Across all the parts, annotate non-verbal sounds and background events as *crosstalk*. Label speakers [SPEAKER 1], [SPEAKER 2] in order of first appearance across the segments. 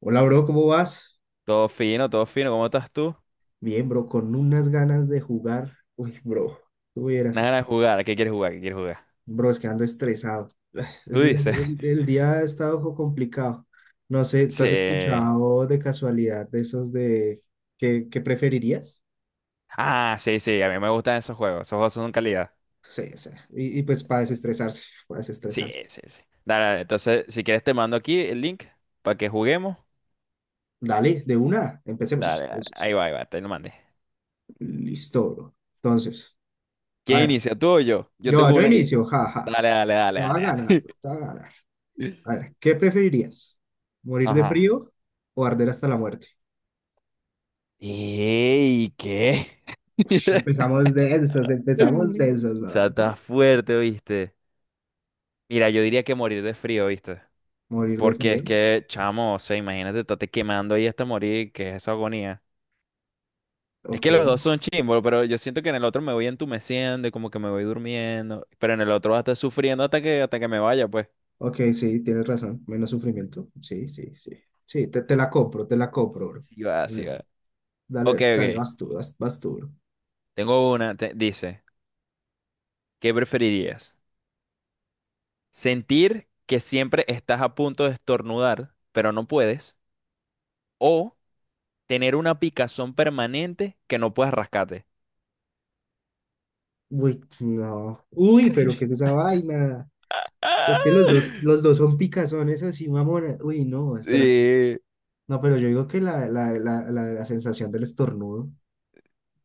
[SPEAKER 1] Hola, bro, ¿cómo vas?
[SPEAKER 2] Todo fino, todo fino. ¿Cómo estás tú?
[SPEAKER 1] Bien, bro, con unas ganas de jugar. Uy, bro, tú
[SPEAKER 2] Nada
[SPEAKER 1] vieras.
[SPEAKER 2] ganas de jugar. ¿A ¿Qué quieres jugar? ¿Qué quieres jugar?
[SPEAKER 1] Bro, es que ando estresado. *sighs*
[SPEAKER 2] Tú
[SPEAKER 1] El,
[SPEAKER 2] dices.
[SPEAKER 1] el-
[SPEAKER 2] *laughs*
[SPEAKER 1] el día ha estado un complicado. No sé, ¿tú has
[SPEAKER 2] Sí.
[SPEAKER 1] escuchado de casualidad de esos de qué preferirías?
[SPEAKER 2] Ah, sí, sí. A mí me gustan esos juegos. Esos juegos son calidad.
[SPEAKER 1] Sí, sí. Y pues para desestresarse, para
[SPEAKER 2] Sí,
[SPEAKER 1] desestresarse.
[SPEAKER 2] sí, sí. Dale, dale. Entonces, si quieres, te mando aquí el link para que juguemos.
[SPEAKER 1] Dale, de una, empecemos.
[SPEAKER 2] Dale, dale.
[SPEAKER 1] Entonces,
[SPEAKER 2] Ahí va, ahí va. Te lo mandé.
[SPEAKER 1] listo, bro. Entonces, a
[SPEAKER 2] ¿Quién
[SPEAKER 1] ver,
[SPEAKER 2] inicia? ¿Tú o yo? Yo
[SPEAKER 1] yo,
[SPEAKER 2] tengo
[SPEAKER 1] yo
[SPEAKER 2] una aquí.
[SPEAKER 1] inicio, ja, ja, ja.
[SPEAKER 2] Dale, dale, dale,
[SPEAKER 1] Te va a
[SPEAKER 2] dale,
[SPEAKER 1] ganar,
[SPEAKER 2] dale.
[SPEAKER 1] bro, te va a ganar. A
[SPEAKER 2] *laughs*
[SPEAKER 1] ver, ¿qué preferirías? ¿Morir de
[SPEAKER 2] Ajá.
[SPEAKER 1] frío o arder hasta la muerte?
[SPEAKER 2] ¿Qué?
[SPEAKER 1] Ush,
[SPEAKER 2] *laughs*
[SPEAKER 1] empezamos densos, empezamos densos,
[SPEAKER 2] O sea,
[SPEAKER 1] weón.
[SPEAKER 2] está fuerte, ¿viste? Mira, yo diría que morir de frío, ¿viste?
[SPEAKER 1] Morir de
[SPEAKER 2] Porque
[SPEAKER 1] frío.
[SPEAKER 2] es que, chamo, o sea, imagínate, estarte quemando ahí hasta morir, que es esa agonía. Es
[SPEAKER 1] Ok,
[SPEAKER 2] que los dos son chimbos, pero yo siento que en el otro me voy entumeciendo y como que me voy durmiendo, pero en el otro vas a estar sufriendo hasta que me vaya, pues.
[SPEAKER 1] ok, sí, tienes razón. Menos sufrimiento. Sí, sí, sí. Sí, te la compro, te la compro, bro.
[SPEAKER 2] Sí va,
[SPEAKER 1] A
[SPEAKER 2] sí
[SPEAKER 1] ver,
[SPEAKER 2] va.
[SPEAKER 1] dale,
[SPEAKER 2] Ok, ok.
[SPEAKER 1] dale, vas tú, bro.
[SPEAKER 2] Tengo una, dice, ¿qué preferirías? ¿Sentir que siempre estás a punto de estornudar, pero no puedes? ¿O tener una picazón permanente que no puedes rascarte?
[SPEAKER 1] Uy, no. Uy, pero ¿qué es esa vaina?
[SPEAKER 2] *laughs* Ah,
[SPEAKER 1] Es que los dos son picazones así, mamona. Uy, no, espera.
[SPEAKER 2] sí,
[SPEAKER 1] No, pero yo digo que la sensación del estornudo.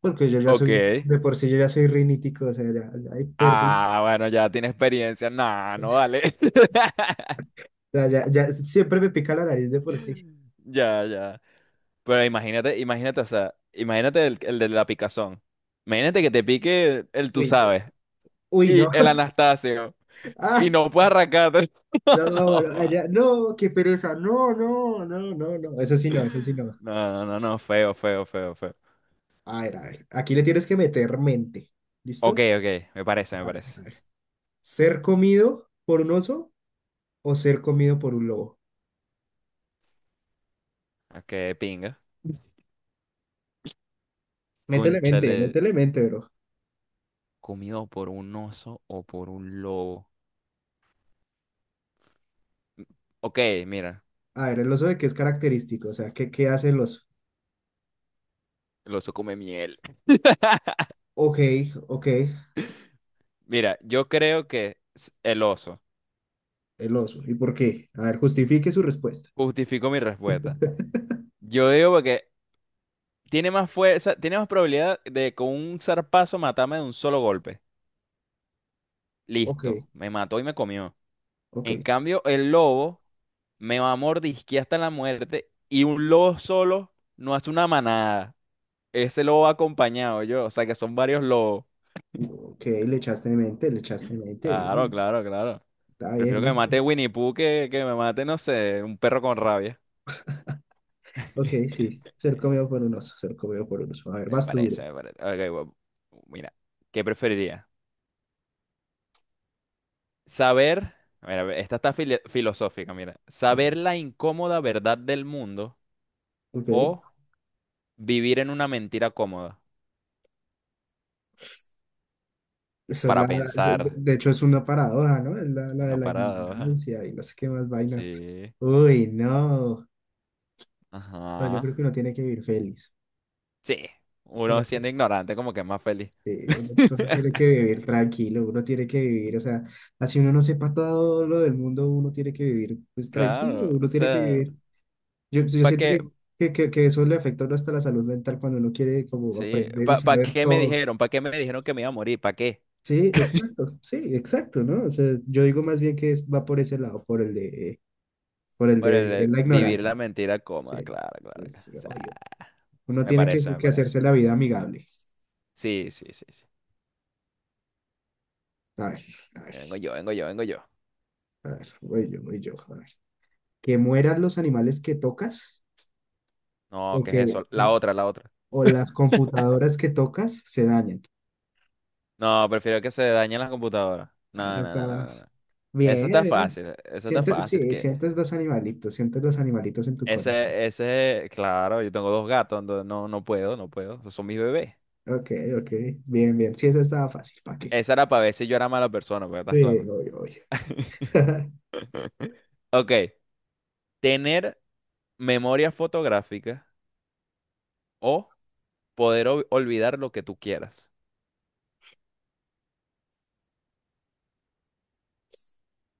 [SPEAKER 1] Porque yo ya soy,
[SPEAKER 2] ok.
[SPEAKER 1] de por sí yo ya soy rinítico, o sea, ya ahí perdí.
[SPEAKER 2] Ah, bueno, ya tiene experiencia. No, no vale. *laughs*
[SPEAKER 1] O sea, ya siempre me pica la nariz de por sí.
[SPEAKER 2] Ya, ya. Pero imagínate, imagínate, o sea, imagínate el de la picazón. Imagínate que te pique el, tú
[SPEAKER 1] Uy, no.
[SPEAKER 2] sabes
[SPEAKER 1] Uy,
[SPEAKER 2] y
[SPEAKER 1] no.
[SPEAKER 2] el
[SPEAKER 1] *laughs*
[SPEAKER 2] Anastasio y
[SPEAKER 1] Ay,
[SPEAKER 2] no puedes arrancarte. *laughs*
[SPEAKER 1] no, no,
[SPEAKER 2] No,
[SPEAKER 1] allá, no, qué pereza. No, no, no, no, no. Eso sí
[SPEAKER 2] no,
[SPEAKER 1] no, eso sí no.
[SPEAKER 2] no, no, no, feo, feo, feo, feo.
[SPEAKER 1] A ver, a ver. Aquí le tienes que meter mente.
[SPEAKER 2] Ok,
[SPEAKER 1] ¿Listo?
[SPEAKER 2] ok, me parece, me
[SPEAKER 1] A ver,
[SPEAKER 2] parece.
[SPEAKER 1] a ver. ¿Ser comido por un oso o ser comido por un lobo?
[SPEAKER 2] Ok, pinga. Cónchale,
[SPEAKER 1] Métele mente, bro.
[SPEAKER 2] comido por un oso o por un lobo. Ok, mira,
[SPEAKER 1] A ver, el oso de qué es característico, o sea, ¿qué hace el oso?
[SPEAKER 2] el oso come miel.
[SPEAKER 1] Ok, ok.
[SPEAKER 2] Mira, yo creo que el oso.
[SPEAKER 1] El oso. ¿Y por qué? A ver, justifique su respuesta.
[SPEAKER 2] Justifico mi respuesta.
[SPEAKER 1] *laughs*
[SPEAKER 2] Yo digo porque tiene más fuerza, tiene más probabilidad de con un zarpazo matarme de un solo golpe.
[SPEAKER 1] Ok,
[SPEAKER 2] Listo, me mató y me comió.
[SPEAKER 1] ok,
[SPEAKER 2] En
[SPEAKER 1] sí.
[SPEAKER 2] cambio, el lobo me va a mordisquear hasta la muerte y un lobo solo no hace una manada. Ese lobo va acompañado yo, o sea que son varios lobos.
[SPEAKER 1] Ok, le echaste mente,
[SPEAKER 2] Claro,
[SPEAKER 1] bien.
[SPEAKER 2] claro, claro.
[SPEAKER 1] Está bien,
[SPEAKER 2] Prefiero que me
[SPEAKER 1] listo.
[SPEAKER 2] mate Winnie Pooh que me mate, no sé, un perro con rabia.
[SPEAKER 1] Ok,
[SPEAKER 2] *laughs*
[SPEAKER 1] sí. Ser comido por un oso, ser comido por un oso. A ver,
[SPEAKER 2] Me
[SPEAKER 1] vas tú, bro.
[SPEAKER 2] parece, me parece. Ok, bueno, mira, ¿qué preferiría? Saber, mira, esta está filosófica, mira. Saber
[SPEAKER 1] Ah,
[SPEAKER 2] la incómoda verdad del mundo
[SPEAKER 1] ok.
[SPEAKER 2] o vivir en una mentira cómoda
[SPEAKER 1] Esa es la,
[SPEAKER 2] para
[SPEAKER 1] esa-
[SPEAKER 2] pensar.
[SPEAKER 1] de hecho es una paradoja, ¿no? Es la de
[SPEAKER 2] Una
[SPEAKER 1] la
[SPEAKER 2] parada,
[SPEAKER 1] ignorancia y no sé qué más vainas.
[SPEAKER 2] sí.
[SPEAKER 1] Uy, no. No, yo
[SPEAKER 2] Ajá.
[SPEAKER 1] creo que uno tiene que vivir feliz.
[SPEAKER 2] Sí. Uno siendo ignorante como que es más feliz.
[SPEAKER 1] Sí, uno tiene que
[SPEAKER 2] *laughs*
[SPEAKER 1] vivir tranquilo, uno tiene que vivir, o sea, así uno no sepa todo lo del mundo, uno tiene que vivir pues tranquilo,
[SPEAKER 2] Claro,
[SPEAKER 1] uno
[SPEAKER 2] o
[SPEAKER 1] tiene que
[SPEAKER 2] sea,
[SPEAKER 1] vivir. Yo
[SPEAKER 2] ¿para
[SPEAKER 1] siento
[SPEAKER 2] qué?
[SPEAKER 1] que eso le afecta a uno hasta la salud mental cuando uno quiere como
[SPEAKER 2] Sí,
[SPEAKER 1] aprender y
[SPEAKER 2] ¿para
[SPEAKER 1] saber
[SPEAKER 2] qué me
[SPEAKER 1] todo.
[SPEAKER 2] dijeron? ¿Para qué me dijeron que me iba a morir? ¿Para qué?
[SPEAKER 1] Sí,
[SPEAKER 2] *laughs*
[SPEAKER 1] exacto, sí, exacto, ¿no? O sea, yo digo más bien que es, va por ese lado, por el
[SPEAKER 2] Por
[SPEAKER 1] de vivir en la
[SPEAKER 2] vivir
[SPEAKER 1] ignorancia.
[SPEAKER 2] la mentira
[SPEAKER 1] Sí,
[SPEAKER 2] cómoda, claro, claro, claro.
[SPEAKER 1] pues, obvio. Uno
[SPEAKER 2] Me
[SPEAKER 1] tiene que,
[SPEAKER 2] parece, me
[SPEAKER 1] que
[SPEAKER 2] parece.
[SPEAKER 1] hacerse la vida amigable.
[SPEAKER 2] Sí, sí, sí, sí.
[SPEAKER 1] A ver, a ver,
[SPEAKER 2] Vengo yo, vengo yo, vengo yo.
[SPEAKER 1] a ver, voy yo, a ver. Que mueran los animales que tocas
[SPEAKER 2] No,
[SPEAKER 1] o
[SPEAKER 2] ¿qué es
[SPEAKER 1] que
[SPEAKER 2] eso? La otra, la otra.
[SPEAKER 1] o las
[SPEAKER 2] *laughs*
[SPEAKER 1] computadoras que tocas se dañen.
[SPEAKER 2] No, prefiero que se dañen las computadoras.
[SPEAKER 1] Ah, eso
[SPEAKER 2] No, no, no, no,
[SPEAKER 1] está
[SPEAKER 2] no, no. Eso
[SPEAKER 1] bien,
[SPEAKER 2] está
[SPEAKER 1] bien.
[SPEAKER 2] fácil, eso está
[SPEAKER 1] Sientes,
[SPEAKER 2] fácil.
[SPEAKER 1] sí,
[SPEAKER 2] Que
[SPEAKER 1] sientes los animalitos en tu corazón.
[SPEAKER 2] ese, claro, yo tengo dos gatos, entonces no, no puedo, no puedo. Esos son mis bebés.
[SPEAKER 1] Ok, ok, bien, bien. Sí, esa estaba fácil, ¿para qué?
[SPEAKER 2] Esa era para ver si yo era mala persona, pero
[SPEAKER 1] Sí,
[SPEAKER 2] estás claro.
[SPEAKER 1] oye, oye.
[SPEAKER 2] *laughs*
[SPEAKER 1] *laughs*
[SPEAKER 2] Ok, tener memoria fotográfica o poder olvidar lo que tú quieras.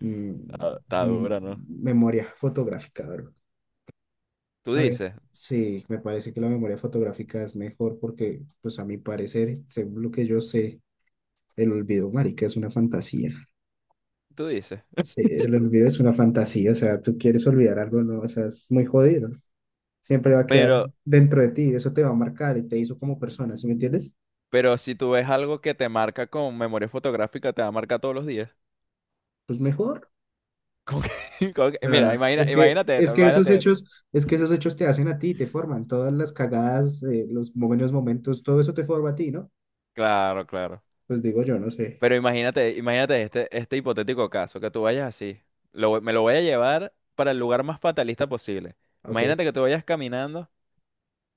[SPEAKER 1] Mm,
[SPEAKER 2] Está
[SPEAKER 1] mm,
[SPEAKER 2] dura, ¿no?
[SPEAKER 1] Memoria fotográfica, bro.
[SPEAKER 2] Tú
[SPEAKER 1] A ver,
[SPEAKER 2] dices,
[SPEAKER 1] sí, me parece que la memoria fotográfica es mejor porque, pues a mi parecer, según lo que yo sé, el olvido, marica, es una fantasía.
[SPEAKER 2] tú dices.
[SPEAKER 1] Sí, el olvido es una fantasía, o sea, tú quieres olvidar algo, ¿no? O sea, es muy jodido. Siempre va a quedar
[SPEAKER 2] Pero,
[SPEAKER 1] dentro de ti, eso te va a marcar y te hizo como persona, ¿sí me entiendes?
[SPEAKER 2] pero si tú ves algo que te marca con memoria fotográfica, te va a marcar todos los días.
[SPEAKER 1] Pues mejor.
[SPEAKER 2] *laughs* Mira,
[SPEAKER 1] ah
[SPEAKER 2] imagina,
[SPEAKER 1] es que,
[SPEAKER 2] imagínate
[SPEAKER 1] es
[SPEAKER 2] esto,
[SPEAKER 1] que esos
[SPEAKER 2] imagínate esto.
[SPEAKER 1] hechos, es que esos hechos te hacen a ti, te forman, todas las cagadas, los buenos momentos, todo eso te forma a ti, ¿no?
[SPEAKER 2] Claro, claro.
[SPEAKER 1] Pues digo yo, no sé.
[SPEAKER 2] Pero imagínate, imagínate este hipotético caso, que tú vayas así. Me lo voy a llevar para el lugar más fatalista posible.
[SPEAKER 1] Ok,
[SPEAKER 2] Imagínate que tú vayas caminando,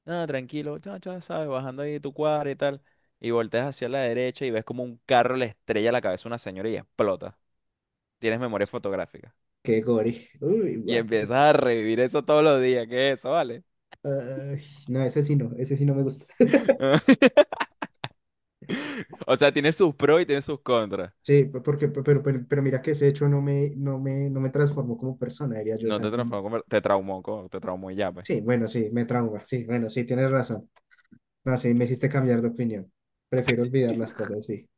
[SPEAKER 2] ah, tranquilo, cha, cha, sabes, bajando ahí tu cuadra y tal, y volteas hacia la derecha y ves como un carro le estrella la cabeza a una señora y explota. Tienes memoria fotográfica.
[SPEAKER 1] qué gore. Uy,
[SPEAKER 2] Y
[SPEAKER 1] what.
[SPEAKER 2] empiezas a revivir eso todos los días. ¿Qué es eso, vale?
[SPEAKER 1] Ay, no, ese sí no, ese sí no me gusta. *laughs*
[SPEAKER 2] *laughs* O sea, tiene sus pros y tiene sus contras.
[SPEAKER 1] Sí, porque, pero mira que ese hecho no me transformó como persona, diría yo, o
[SPEAKER 2] No
[SPEAKER 1] sea,
[SPEAKER 2] te
[SPEAKER 1] no.
[SPEAKER 2] transformó, te traumó, te traumó y ya, pues.
[SPEAKER 1] Sí, bueno, sí, me trauma. Sí, bueno, sí, tienes razón. No, sí, me hiciste cambiar de opinión. Prefiero olvidar las cosas, sí.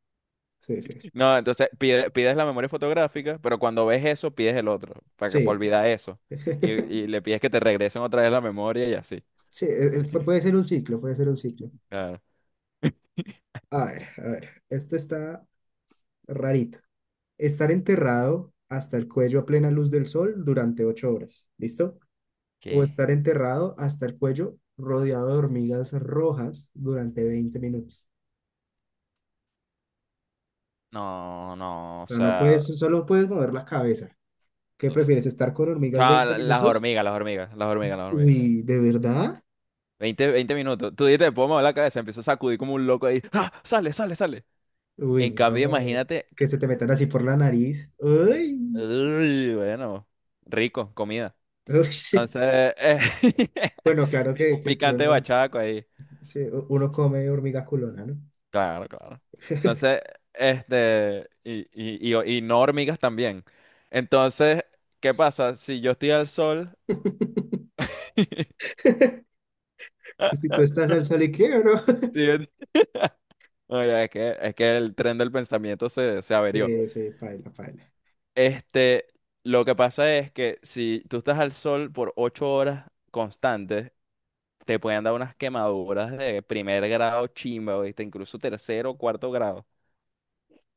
[SPEAKER 1] Sí, sí.
[SPEAKER 2] No, entonces pides la memoria fotográfica, pero cuando ves eso, pides el otro, para
[SPEAKER 1] Sí.
[SPEAKER 2] olvidar eso.
[SPEAKER 1] Sí,
[SPEAKER 2] Y,
[SPEAKER 1] *laughs*
[SPEAKER 2] y le pides que te regresen otra vez la memoria y así.
[SPEAKER 1] sí, puede ser un ciclo, puede ser un ciclo.
[SPEAKER 2] Claro.
[SPEAKER 1] A ver, esto está rarito. Estar enterrado hasta el cuello a plena luz del sol durante 8 horas, ¿listo? O
[SPEAKER 2] ¿Qué?
[SPEAKER 1] estar enterrado hasta el cuello rodeado de hormigas rojas durante 20 minutos.
[SPEAKER 2] No, no, o
[SPEAKER 1] O sea, no
[SPEAKER 2] sea,
[SPEAKER 1] puedes, solo puedes mover la cabeza. ¿Qué
[SPEAKER 2] f-
[SPEAKER 1] prefieres, estar con hormigas veinte
[SPEAKER 2] chaval, las
[SPEAKER 1] minutos
[SPEAKER 2] hormigas, las hormigas, las hormigas, las hormigas.
[SPEAKER 1] Uy, ¿de verdad?
[SPEAKER 2] Veinte minutos. Tú dices, puedo mover la cabeza, empiezo a sacudir como un loco ahí. ¡Ah! Sale, sale, sale. En
[SPEAKER 1] Uy, no,
[SPEAKER 2] cambio, imagínate.
[SPEAKER 1] que se te metan así por la nariz. Uy,
[SPEAKER 2] Uy, bueno, rico, comida.
[SPEAKER 1] *laughs* uy, sí.
[SPEAKER 2] Entonces, eh, *laughs*
[SPEAKER 1] Bueno, claro que,
[SPEAKER 2] un
[SPEAKER 1] que
[SPEAKER 2] picante
[SPEAKER 1] uno,
[SPEAKER 2] bachaco ahí.
[SPEAKER 1] sí, uno come hormiga culona, ¿no?
[SPEAKER 2] Claro, claro. Entonces, y no hormigas también. Entonces, ¿qué pasa? Si yo estoy al sol,
[SPEAKER 1] *laughs*
[SPEAKER 2] *laughs*
[SPEAKER 1] Si tú estás al sol y qué, bro. *laughs*
[SPEAKER 2] sí, oye, es que el tren del pensamiento se, se averió.
[SPEAKER 1] Sí, sí, paila, paila.
[SPEAKER 2] Este, lo que pasa es que si tú estás al sol por 8 horas constantes, te pueden dar unas quemaduras de primer grado chimba, ¿viste? Incluso tercero o cuarto grado.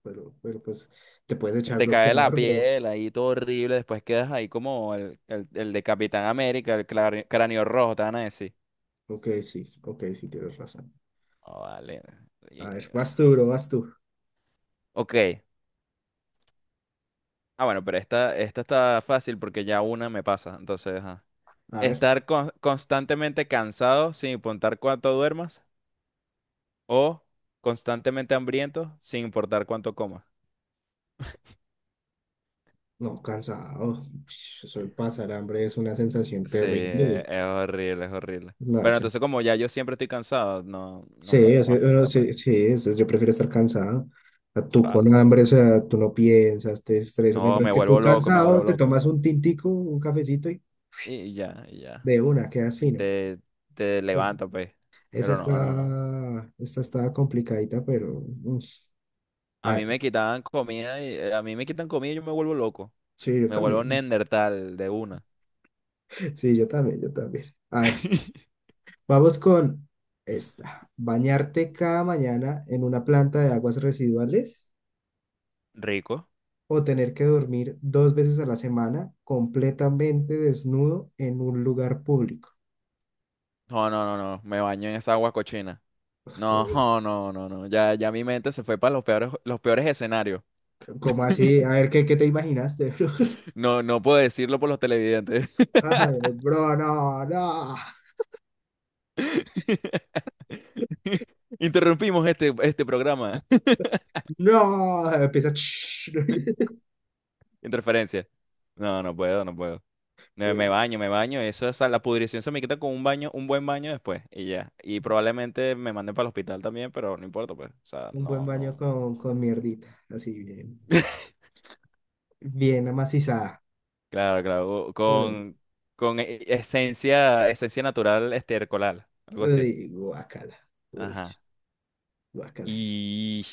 [SPEAKER 1] Pero pues te puedes
[SPEAKER 2] Se
[SPEAKER 1] echar
[SPEAKER 2] te cae la
[SPEAKER 1] bloqueador, bro.
[SPEAKER 2] piel ahí, todo horrible. Después quedas ahí como el de Capitán América, el cráneo rojo, te van a decir.
[SPEAKER 1] Ok, sí, ok, sí, tienes razón.
[SPEAKER 2] Oh, vale.
[SPEAKER 1] A
[SPEAKER 2] Y-
[SPEAKER 1] ver, vas tú, bro, vas tú.
[SPEAKER 2] Ok. Ah, bueno, pero esta está fácil porque ya una me pasa. Entonces, ajá.
[SPEAKER 1] A ver,
[SPEAKER 2] Estar constantemente cansado sin importar cuánto duermas o constantemente hambriento sin importar cuánto comas.
[SPEAKER 1] no, cansado. Ush, eso de pasar hambre es una sensación
[SPEAKER 2] Sí,
[SPEAKER 1] terrible.
[SPEAKER 2] es horrible, es horrible.
[SPEAKER 1] No,
[SPEAKER 2] Pero entonces como ya yo siempre estoy cansado, no, no me,
[SPEAKER 1] sí,
[SPEAKER 2] no me
[SPEAKER 1] bueno,
[SPEAKER 2] afecta, pues.
[SPEAKER 1] sí, sí, yo prefiero estar cansado. O sea, tú con
[SPEAKER 2] Claro.
[SPEAKER 1] hambre, o sea, tú no piensas, te estresas,
[SPEAKER 2] No,
[SPEAKER 1] mientras
[SPEAKER 2] me
[SPEAKER 1] que tú
[SPEAKER 2] vuelvo loco, me
[SPEAKER 1] cansado
[SPEAKER 2] vuelvo
[SPEAKER 1] te
[SPEAKER 2] loco.
[SPEAKER 1] tomas un tintico, un cafecito y
[SPEAKER 2] Y ya, y ya.
[SPEAKER 1] de una, quedas
[SPEAKER 2] Y
[SPEAKER 1] fino.
[SPEAKER 2] te
[SPEAKER 1] Sí.
[SPEAKER 2] levantas, pues. Pero no, no.
[SPEAKER 1] Esta está complicadita, pero. A
[SPEAKER 2] A mí
[SPEAKER 1] ver,
[SPEAKER 2] me quitaban comida y a mí me quitan comida y yo me vuelvo loco.
[SPEAKER 1] sí, yo
[SPEAKER 2] Me vuelvo
[SPEAKER 1] también.
[SPEAKER 2] Neandertal de una.
[SPEAKER 1] *laughs* Sí, yo también, yo también. A ver,
[SPEAKER 2] *laughs*
[SPEAKER 1] vamos con esta. Bañarte cada mañana en una planta de aguas residuales
[SPEAKER 2] Rico.
[SPEAKER 1] o tener que dormir dos veces a la semana completamente desnudo en un lugar público.
[SPEAKER 2] No, no, no, no. Me baño en esa agua cochina. No,
[SPEAKER 1] Uy.
[SPEAKER 2] *laughs* no, no, no. Ya, ya mi mente se fue para los peores escenarios.
[SPEAKER 1] ¿Cómo así?
[SPEAKER 2] *laughs*
[SPEAKER 1] A ver, ¿qué te imaginaste, bro?
[SPEAKER 2] No, no puedo decirlo por los televidentes.
[SPEAKER 1] *laughs* Ay, bro, no, no,
[SPEAKER 2] *laughs* Interrumpimos este programa.
[SPEAKER 1] no. Empieza. "Shh".
[SPEAKER 2] *laughs*
[SPEAKER 1] *laughs*
[SPEAKER 2] Interferencia. No, no puedo, no puedo. Me
[SPEAKER 1] Uy.
[SPEAKER 2] baño, me baño. Eso, es la pudrición se me quita con un baño, un buen baño después y ya. Y probablemente me manden para el hospital también, pero no importa, pues. O sea,
[SPEAKER 1] Un buen
[SPEAKER 2] no,
[SPEAKER 1] baño
[SPEAKER 2] no.
[SPEAKER 1] con mierdita, así bien,
[SPEAKER 2] *laughs*
[SPEAKER 1] bien amacizada.
[SPEAKER 2] Claro, claro.
[SPEAKER 1] Uy,
[SPEAKER 2] Con esencia natural estercolal, algo así.
[SPEAKER 1] uy, guácala, uy,
[SPEAKER 2] Ajá.
[SPEAKER 1] guácala,
[SPEAKER 2] Y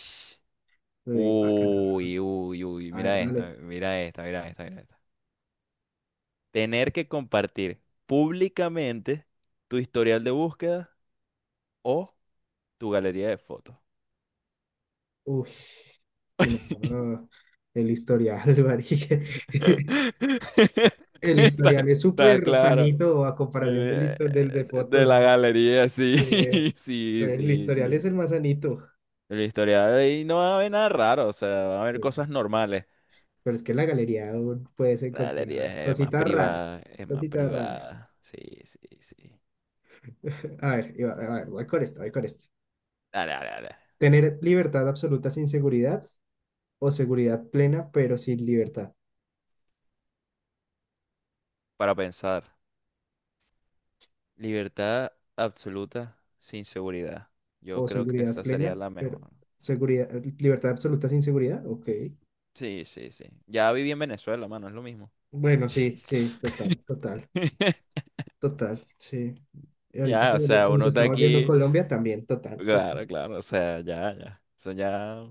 [SPEAKER 1] uy, guácala.
[SPEAKER 2] uy, uy, uy,
[SPEAKER 1] A ver,
[SPEAKER 2] mira esta,
[SPEAKER 1] dale.
[SPEAKER 2] mira esta, mira esta, mira esta. Tener que compartir públicamente tu historial de búsqueda o tu galería de fotos.
[SPEAKER 1] Uy, y no,
[SPEAKER 2] *laughs*
[SPEAKER 1] no, el historial, *laughs* marica. El
[SPEAKER 2] Está,
[SPEAKER 1] historial es
[SPEAKER 2] está
[SPEAKER 1] súper
[SPEAKER 2] claro.
[SPEAKER 1] sanito a
[SPEAKER 2] El,
[SPEAKER 1] comparación del
[SPEAKER 2] eh,
[SPEAKER 1] de
[SPEAKER 2] de
[SPEAKER 1] fotos.
[SPEAKER 2] la galería, sí,
[SPEAKER 1] eh,
[SPEAKER 2] *laughs*
[SPEAKER 1] sí,
[SPEAKER 2] sí,
[SPEAKER 1] el
[SPEAKER 2] sí,
[SPEAKER 1] historial
[SPEAKER 2] sí.
[SPEAKER 1] es el más sanito.
[SPEAKER 2] El historial ahí no va a haber nada raro, o sea, va a haber
[SPEAKER 1] eh,
[SPEAKER 2] cosas normales.
[SPEAKER 1] pero es que en la galería aún puedes
[SPEAKER 2] La
[SPEAKER 1] encontrar
[SPEAKER 2] galería es más
[SPEAKER 1] cositas raras.
[SPEAKER 2] privada, es más
[SPEAKER 1] Cositas raras.
[SPEAKER 2] privada. Sí, sí, sí.
[SPEAKER 1] *laughs* A ver, a
[SPEAKER 2] Eh,
[SPEAKER 1] ver, voy con esto, voy con esto.
[SPEAKER 2] dale, dale, dale.
[SPEAKER 1] Tener libertad absoluta sin seguridad o seguridad plena pero sin libertad.
[SPEAKER 2] Para pensar. Libertad absoluta sin seguridad. Yo
[SPEAKER 1] O
[SPEAKER 2] creo que
[SPEAKER 1] seguridad
[SPEAKER 2] esa sería
[SPEAKER 1] plena,
[SPEAKER 2] la
[SPEAKER 1] pero
[SPEAKER 2] mejor.
[SPEAKER 1] seguridad, libertad absoluta sin seguridad. Ok.
[SPEAKER 2] Sí, sí, sí. Ya viví en Venezuela, mano, es lo mismo.
[SPEAKER 1] Bueno, sí, sí, total,
[SPEAKER 2] *laughs*
[SPEAKER 1] total, total, sí. Y ahorita
[SPEAKER 2] Ya, o sea,
[SPEAKER 1] como
[SPEAKER 2] uno
[SPEAKER 1] se
[SPEAKER 2] está
[SPEAKER 1] está volviendo
[SPEAKER 2] aquí.
[SPEAKER 1] Colombia, también, total, total.
[SPEAKER 2] Claro, claro, o sea, ya, ya. Eso ya,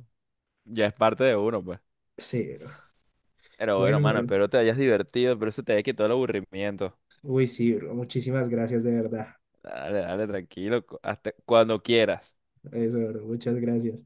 [SPEAKER 2] ya es parte de uno, pues.
[SPEAKER 1] Sí, bro.
[SPEAKER 2] Pero bueno,
[SPEAKER 1] Bueno,
[SPEAKER 2] mano,
[SPEAKER 1] bro.
[SPEAKER 2] espero te hayas divertido, pero eso te haya quitado el aburrimiento.
[SPEAKER 1] Uy, sí, bro. Muchísimas gracias, de verdad.
[SPEAKER 2] Dale, dale, tranquilo, hasta cuando quieras.
[SPEAKER 1] Eso, bro. Muchas gracias.